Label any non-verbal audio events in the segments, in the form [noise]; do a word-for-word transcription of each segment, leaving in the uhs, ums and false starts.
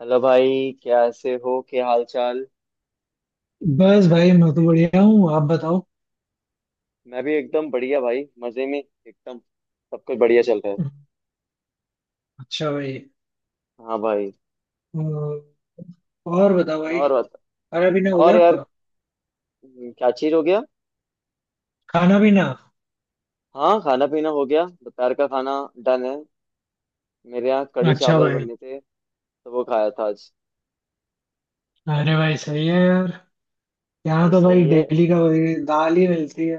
Hello भाई, कैसे हो, क्या हाल चाल। बस भाई मैं तो बढ़िया हूँ। आप बताओ। मैं भी एकदम बढ़िया भाई, मजे में, एकदम सब कुछ बढ़िया चल रहा है। अच्छा भाई। अ, हाँ भाई। और बताओ भाई। और बता। खाना पीना हो और गया यार। आपका? हम्म, क्या चीज हो गया। खाना पीना। हाँ, खाना पीना हो गया, दोपहर का खाना। डन है। मेरे यहाँ कढ़ी अच्छा चावल भाई। बनने थे, तो वो खाया था आज। अरे भाई सही है यार। यहाँ भाई तो भाई सही है। डेली का वही दाल ही मिलती है।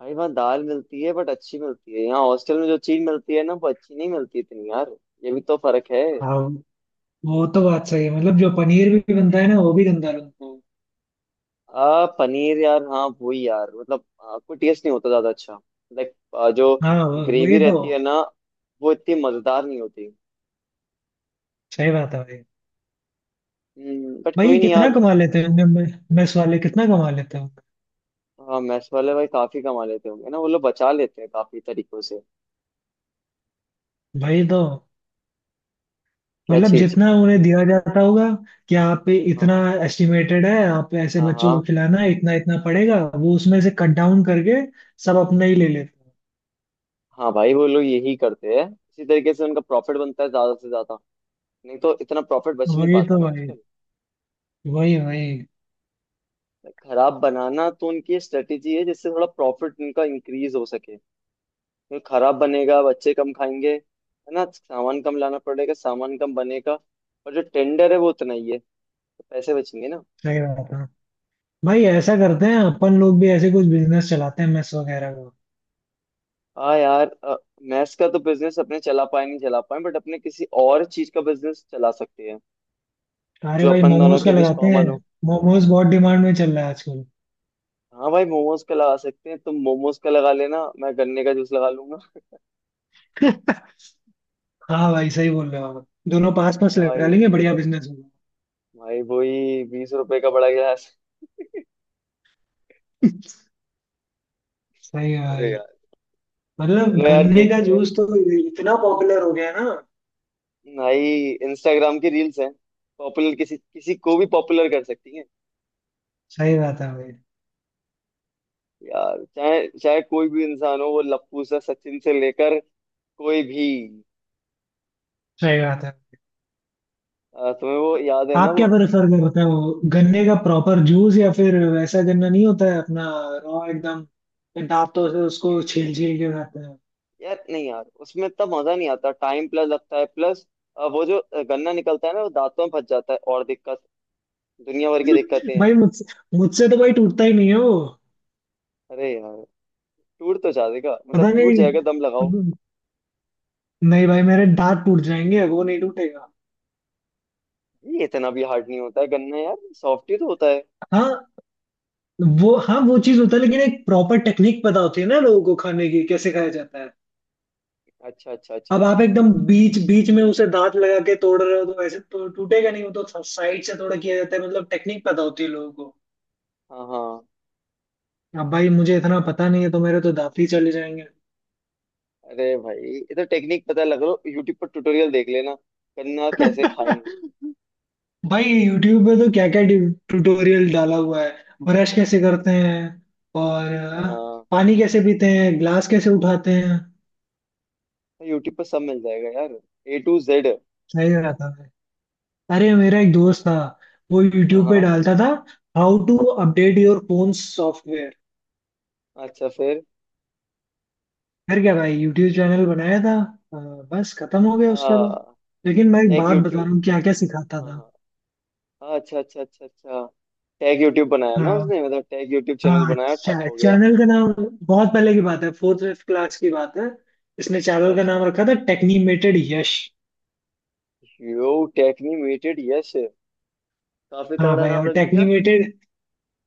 भाई वहाँ दाल मिलती है बट अच्छी मिलती है, यहाँ हॉस्टल में जो चीज मिलती है ना वो अच्छी नहीं मिलती इतनी यार। ये भी तो फर्क है। हाँ, वो तो। बात सही है मतलब जो पनीर भी बनता है ना, वो भी गंदा बनता है। आ, पनीर यार, हाँ वही यार, मतलब आ, कोई टेस्ट नहीं होता ज्यादा अच्छा। लाइक आ, जो हाँ, वो- ग्रेवी वही तो। रहती है ना, वो इतनी मजेदार नहीं होती। सही बात है भाई। बट कोई भाई नहीं कितना यार। कमा लेते होंगे मैं- मेस वाले कितना कमा लेते होंगे? हाँ, मैस वाले भाई काफी कमा लेते होंगे ना, वो लोग बचा लेते हैं काफी तरीकों से। भाई तो क्या मतलब चीज। जितना उन्हें दिया जाता होगा कि आप पे इतना हाँ। एस्टिमेटेड है, आप ऐसे हाँ। बच्चों को हाँ खिलाना है, इतना इतना पड़ेगा, वो उसमें से कट डाउन करके सब अपना ही ले लेते हाँ भाई, वो लोग यही करते हैं, इसी तरीके से उनका प्रॉफिट बनता है ज्यादा से ज्यादा। नहीं तो इतना प्रॉफिट हैं। बच नहीं वही पाता तो ना भाई। आजकल। वही वही। Like, खराब बनाना तो उनकी स्ट्रेटेजी है, जिससे थोड़ा प्रॉफिट उनका इंक्रीज हो सके। फिर खराब बनेगा, बच्चे कम खाएंगे, है ना, सामान कम लाना पड़ेगा, सामान कम बनेगा। और जो टेंडर है वो उतना ही है, तो पैसे बचेंगे ना। सही बात है भाई। ऐसा करते हैं, अपन लोग भी ऐसे कुछ बिजनेस चलाते हैं, मेस वगैरह हाँ यार। मैथ्स का तो बिजनेस अपने चला पाए नहीं चला पाए, बट अपने किसी और चीज का बिजनेस चला सकते हैं, का। अरे जो भाई अपन दोनों मोमोज का के बीच लगाते हैं। कॉमन हो। मोमोज बहुत डिमांड में चल रहा है आजकल। हाँ भाई, मोमोज का लगा सकते हैं, तुम मोमोज का लगा लेना, मैं गन्ने का जूस लगा लूंगा। [laughs] हाँ भाई, सही बोल रहे हो आप। दोनों पास है पास ना लगा भाई। लेंगे, बढ़िया बिजनेस होगा। भाई वही बीस रुपए का बड़ा गिलास। [laughs] [laughs] सही है अरे भाई। यार। मतलब चलो यार, गन्ने का देखते हैं। जूस तो इतना पॉपुलर हो गया है ना। भाई इंस्टाग्राम की रील्स हैं, पॉपुलर किसी किसी को भी पॉपुलर कर सकती हैं। सही बात है भाई। यार चाहे चाहे कोई भी इंसान हो, वो लप्पू से सचिन से लेकर, कोई भी। सही बात है। अ, तुम्हें वो याद है ना आप वो। क्या प्रेफर करते हो, गन्ने का प्रॉपर जूस, या फिर वैसा गन्ना नहीं होता है अपना, रॉ एकदम, फिर दांतों से उसको छील छील के खाते हैं? यार नहीं यार, उसमें इतना मजा नहीं आता, टाइम प्लस लगता है, प्लस वो जो अ, गन्ना निकलता है ना वो दांतों में फंस जाता है और दिक्कत, दुनिया भर की दिक्कतें [laughs] हैं। भाई मुझसे मुझसे तो भाई टूटता ही नहीं है वो। अरे यार। टूट तो जाएगा, पता मतलब टूट नहीं। जाएगा, दम लगाओ। नहीं भाई, मेरे दांत टूट जाएंगे, वो नहीं टूटेगा। ये इतना भी हार्ड नहीं होता है गन्ना यार, सॉफ्ट ही तो होता है। हाँ, वो, हाँ, वो चीज होता है, लेकिन एक प्रॉपर टेक्निक पता होती है ना लोगों को खाने की, कैसे खाया जाता है। अच्छा अच्छा अब अच्छा। आप एकदम बीच बीच में उसे दांत लगा के तोड़ रहे हो तो ऐसे तो टूटेगा नहीं। वो तो साइड से थोड़ा किया जाता है, मतलब टेक्निक पता होती है लोगों को। हाँ हाँ। अब भाई मुझे इतना पता नहीं है, तो मेरे तो दांत ही चले जाएंगे। अरे भाई ये तो टेक्निक, पता लग लो, यूट्यूब पर ट्यूटोरियल देख लेना, गन्ना कैसे खाएं। [laughs] भाई यूट्यूब पे तो क्या क्या ट्यूटोरियल डाला हुआ है। ब्रश कैसे करते हैं, और अ, हाँ। पानी कैसे पीते हैं, ग्लास कैसे उठाते हैं। यूट्यूब पर सब मिल जाएगा यार, ए टू जेड। सही रहता है। अरे मेरा एक दोस्त था, वो हाँ यूट्यूब पे हाँ। डालता था, how to update your phone software. अच्छा फिर। फिर क्या भाई, यूट्यूब चैनल बनाया था अ, बस खत्म हो गया उसका तो। हाँ। लेकिन मैं एक टैग बात बता यूट्यूब। रहा हूँ, क्या क्या सिखाता हाँ था। हाँ। हाँ, अच्छा अच्छा अच्छा अच्छा। टैग यूट्यूब बनाया ना हाँ उसने, मतलब टैग यूट्यूब चैनल हाँ, बनाया, ठप चा, हो गया। चैनल का नाम, बहुत पहले की बात है, फोर्थ फिफ्थ क्लास की बात है, इसने अच्छा चैनल का अच्छा। नाम रखा था टेक्नीमेटेड यश। यो टेक्नीमेटेड यस। काफी हाँ तगड़ा भाई, नाम और रख दिया। टेक्नीमेटेड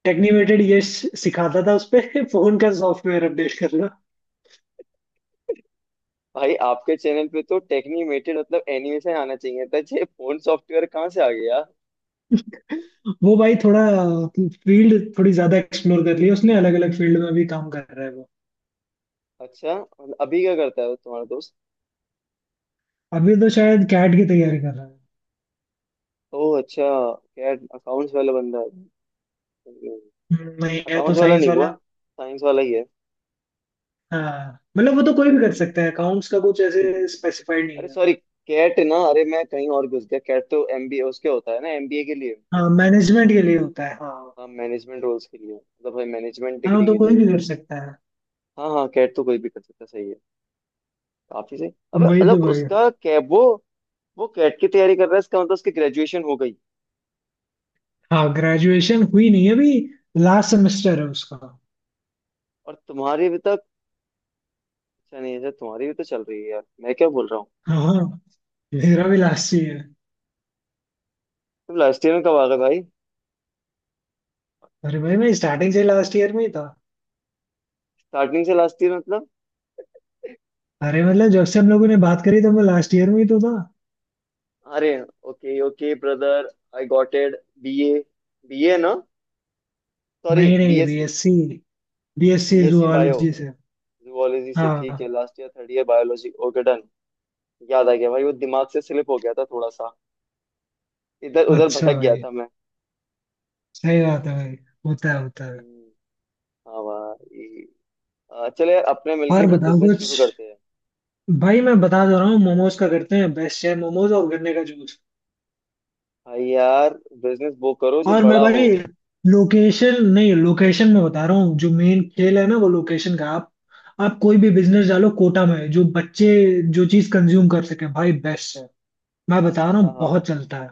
टेक्नीमेटेड यश सिखाता था उस पे [laughs] फोन का सॉफ्टवेयर अपडेट करना। भाई आपके चैनल पे तो टेक्नीमेटेड मतलब एनिमेशन आना चाहिए था, ये फोन सॉफ्टवेयर कहाँ से आ गया। वो भाई थोड़ा फील्ड थोड़ी ज्यादा एक्सप्लोर कर लिया उसने, अलग अलग फील्ड में भी काम कर रहा है वो। अच्छा, और अभी क्या करता है वो तुम्हारा दोस्त। अभी तो शायद कैट की तैयारी कर रहा है। ओह अच्छा। क्या, अकाउंट्स वाला बंदा है? हम्म, नहीं, है तो अकाउंट्स वाला साइंस नहीं हुआ, वाला। साइंस वाला ही है। हाँ, मतलब वो तो कोई भी हम्म, कर सकता है, अकाउंट्स का कुछ ऐसे स्पेसिफाइड अरे नहीं है। सॉरी, कैट ना, अरे मैं कहीं और घुस गया, कैट तो एमबीए उसके होता है ना, एमबीए के लिए। हाँ, मैनेजमेंट हाँ। के लिए होता है, हाँ। हाँ, मैनेजमेंट रोल्स के लिए मतलब मैनेजमेंट हाँ, वो डिग्री तो के कोई लिए। भी कर सकता है। हाँ हाँ, कैट तो कोई भी कर सकता है, सही है। काफी सही। अबे वही तो मतलब भाई। उसका कैट, वो वो कैट की तैयारी कर रहा है, इसका मतलब उसकी ग्रेजुएशन हो गई। हाँ, ग्रेजुएशन हुई नहीं है अभी, लास्ट सेमेस्टर है उसका। और तुम्हारी भी तक, अच्छा नहीं, अच्छा तुम्हारी भी तो चल रही है यार, मैं क्या बोल रहा हूँ। हाँ हाँ, मेरा भी लास्ट ईयर। तुम लास्ट ईयर में कब आ गए भाई। अरे भाई मैं स्टार्टिंग से लास्ट ईयर में ही था। स्टार्टिंग से लास्ट ईयर मतलब। अरे मतलब जब से हम लोगों ने बात करी, तब मैं लास्ट ईयर में ही तो था। अरे, okay okay brother, I got it. BA, BA ना, सॉरी। नहीं नहीं, BSc. BSc. BSc BSc bio, zoology से। जुवोलॉजी से, ठीक है, हाँ। Last year third year biology okay done. याद आ गया भाई, वो दिमाग से स्लिप हो गया था थोड़ा सा, इधर उधर अच्छा भटक गया भाई। था मैं। सही बात है भाई। होता है होता है। हम्म, हाँ भाई। आ, चले यार अपने मिलके और कोई बताओ बिजनेस कुछ। शुरू करते हैं। भाई मैं बता दे रहा हूँ, मोमोज का करते हैं, बेस्ट है, मोमोज और गन्ने का जूस। भाई यार, बिजनेस वो करो जो और मैं बड़ा हो। भाई लोकेशन, नहीं, लोकेशन में बता रहा हूँ, जो मेन खेल है ना, वो लोकेशन का। आप आप कोई भी बिजनेस डालो कोटा में, जो बच्चे जो चीज कंज्यूम कर सके भाई, बेस्ट है। मैं बता रहा हाँ हूँ, हाँ, बहुत चलता है।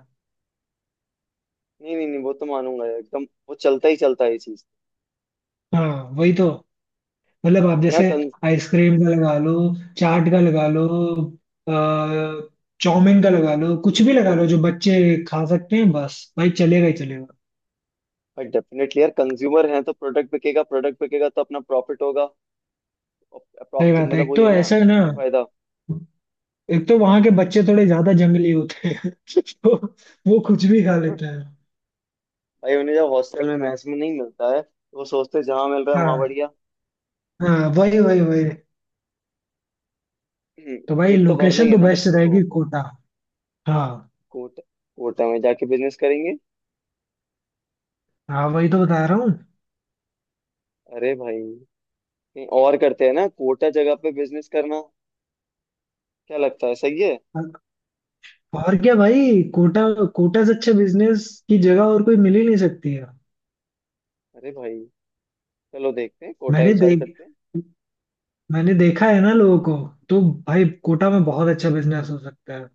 नहीं नहीं नहीं, वो तो मानूंगा यार, एकदम वो चलता ही चलता है ये चीज। हाँ वही तो। मतलब आप जहाँ जैसे आइसक्रीम का लगा लो, चाट का लगा लो, अ, चाउमीन का लगा लो, कुछ भी लगा लो जो बच्चे खा सकते हैं, बस भाई, चलेगा ही चलेगा। डेफिनेटली यार, कंज्यूमर हैं तो प्रोडक्ट बिकेगा, प्रोडक्ट बिकेगा तो अपना प्रॉफिट होगा। सही अप्रॉक्सिम बात है। मतलब एक वही है तो ना, ऐसा है ना, अपना ही फायदा। एक तो वहां के बच्चे थोड़े ज्यादा जंगली होते हैं [laughs] तो वो कुछ भी खा हाँ, लेते हैं। भाई उन्हें जब हॉस्टल में मैस में नहीं मिलता है, तो वो सोचते हैं जहाँ मिल रहा है वहां हाँ बढ़िया। हाँ, वही वही वही। हम्म, तो भाई पेट तो भरना ही लोकेशन है तो ना बेस्ट बच्चों को। रहेगी कोटा। हाँ कोटा, कोटा में जाके बिजनेस करेंगे। हाँ, वही तो बता रहा हूँ। अरे भाई, कहीं और करते हैं ना, कोटा जगह पे बिजनेस करना, क्या लगता है, सही है। और क्या भाई, कोटा कोटा से अच्छे बिजनेस की जगह और कोई मिल ही नहीं सकती है। अरे भाई, चलो देखते हैं, कोटा ही मैंने विचार देख करते हैं। मैंने देखा है ना लोगों को, तो भाई कोटा में बहुत अच्छा बिजनेस हो सकता है।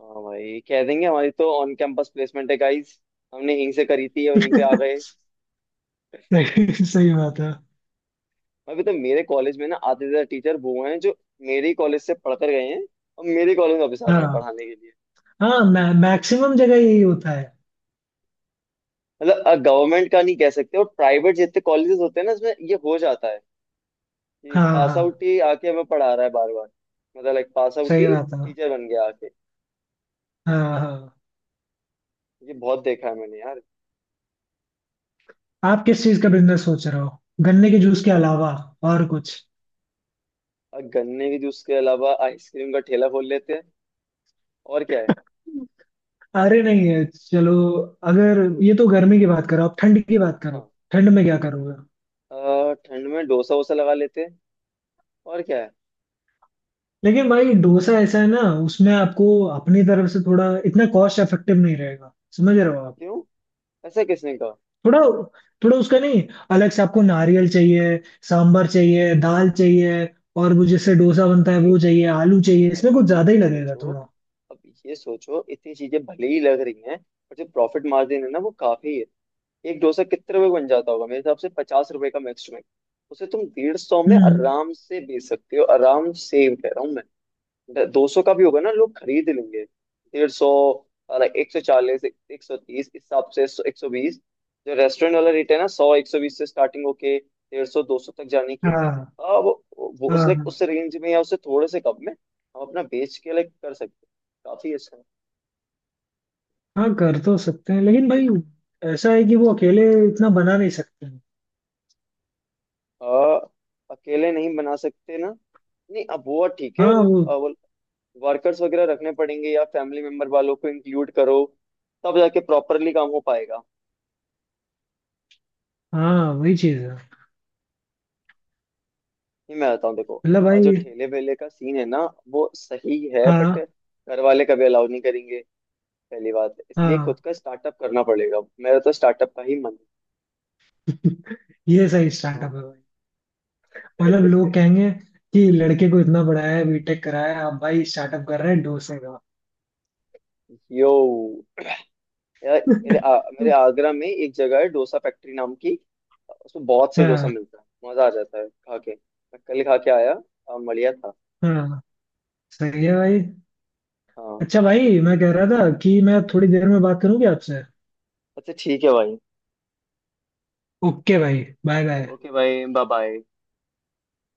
हाँ भाई, कह देंगे हमारी तो ऑन कैंपस प्लेसमेंट है गाइस, हमने यहीं से करी थी, वहीं पे आ [laughs] गए। सही, सही बात है। मैं तो मेरे कॉलेज में ना, आधे से ज्यादा टीचर वो हैं जो मेरे ही कॉलेज से पढ़कर गए हैं और मेरे कॉलेज में वापस आ गए हैं हाँ पढ़ाने के लिए। हाँ, मैं मैक्सिमम जगह यही होता है। मतलब गवर्नमेंट का नहीं कह सकते, और प्राइवेट जितने कॉलेजेस होते हैं ना, इसमें ये हो जाता है कि हाँ पास हाँ, आउट ही आके हमें पढ़ा रहा है बार बार। मतलब लाइक पास आउट सही ही बात है, टीचर बन गया आके। हाँ हाँ। ये बहुत देखा है मैंने यार। आप किस चीज का बिजनेस सोच रहे हो, गन्ने के जूस के अलावा और कुछ? अ, गन्ने के जूस के अलावा आइसक्रीम का ठेला खोल लेते हैं, और क्या है। अरे नहीं है, चलो अगर ये तो गर्मी की बात [clears throat] करो, आप ठंड की बात करो। हाँ। ठंड में क्या करोगे? अ, ठंड में डोसा वोसा लगा लेते हैं, और क्या है। लेकिन भाई डोसा ऐसा है ना, उसमें आपको अपनी तरफ से थोड़ा, इतना कॉस्ट इफेक्टिव नहीं रहेगा, समझ रहे हो आप? क्यों, ऐसा किसने कहा। थोड़ा, थोड़ा उसका नहीं, अलग से आपको नारियल चाहिए, सांभर चाहिए, दाल चाहिए, और वो जिससे डोसा बनता है भाई वो चाहिए, आलू चाहिए, इसमें भाई, कुछ अब ज्यादा ही ये लगेगा सोचो, थोड़ा। अब ये सोचो, इतनी चीजें भले ही लग रही हैं, पर जो प्रॉफिट मार्जिन है ना वो काफी है। एक डोसा कितने रुपए का बन जाता होगा मेरे हिसाब से, पचास रुपए का मैक्स में। उसे तुम डेढ़ सौ में हम्म, आराम से बेच सकते हो, आराम से कह रहा हूँ। दो सौ का भी होगा ना, लोग खरीद लेंगे। डेढ़ सौ, एक सौ चालीस, एक सौ तीस, इस हिसाब से, एक सौ बीस। जो रेस्टोरेंट वाला रेट है ना, सौ, एक सौ बीस से स्टार्टिंग होके डेढ़ सौ दो सौ तक जाने की, हाँ, अब वो वो उस, हाँ, लाइक हाँ। उस रेंज में या उससे थोड़े से कम में हम अपना बेच के लाइक कर सकते हैं। काफी अच्छा है। हाँ, कर तो सकते हैं, लेकिन भाई ऐसा है कि वो अकेले इतना बना नहीं सकते हैं। आ, अकेले नहीं बना सकते ना। नहीं, अब वो ठीक है, हाँ वो लोग वर्कर्स वगैरह रखने पड़ेंगे, या फैमिली मेंबर वालों को इंक्लूड करो, तब जाके प्रॉपरली काम हो पाएगा। हाँ वही चीज है। नहीं मैं बताऊँ देखो, मतलब अ, जो भाई। ठेले वेले का सीन है ना वो सही है, बट हाँ घर वाले कभी अलाउ नहीं करेंगे पहली बात, इसलिए हाँ, खुद का स्टार्टअप करना पड़ेगा, मेरा तो स्टार्टअप का ही मन है। ये सही हाँ। स्टार्टअप है भाई। मतलब लोग [laughs] कहेंगे कि लड़के को इतना पढ़ाया है, बीटेक कराया, अब भाई स्टार्टअप कर रहे हैं डोसे का। यो, यार मेरे आ, मेरे [laughs] आगरा में एक जगह है डोसा फैक्ट्री नाम की, उसमें बहुत से डोसा हाँ मिलता है, मजा आ जाता है खा के, मैं कल खा के आया। अ, बढ़िया था। हाँ, सही है भाई। हाँ। अच्छा भाई, मैं कह रहा था कि मैं थोड़ी देर में बात करूँ क्या आपसे? अच्छा ठीक है भाई। ओके भाई, बाय बाय। ओके भाई, बाय बाय।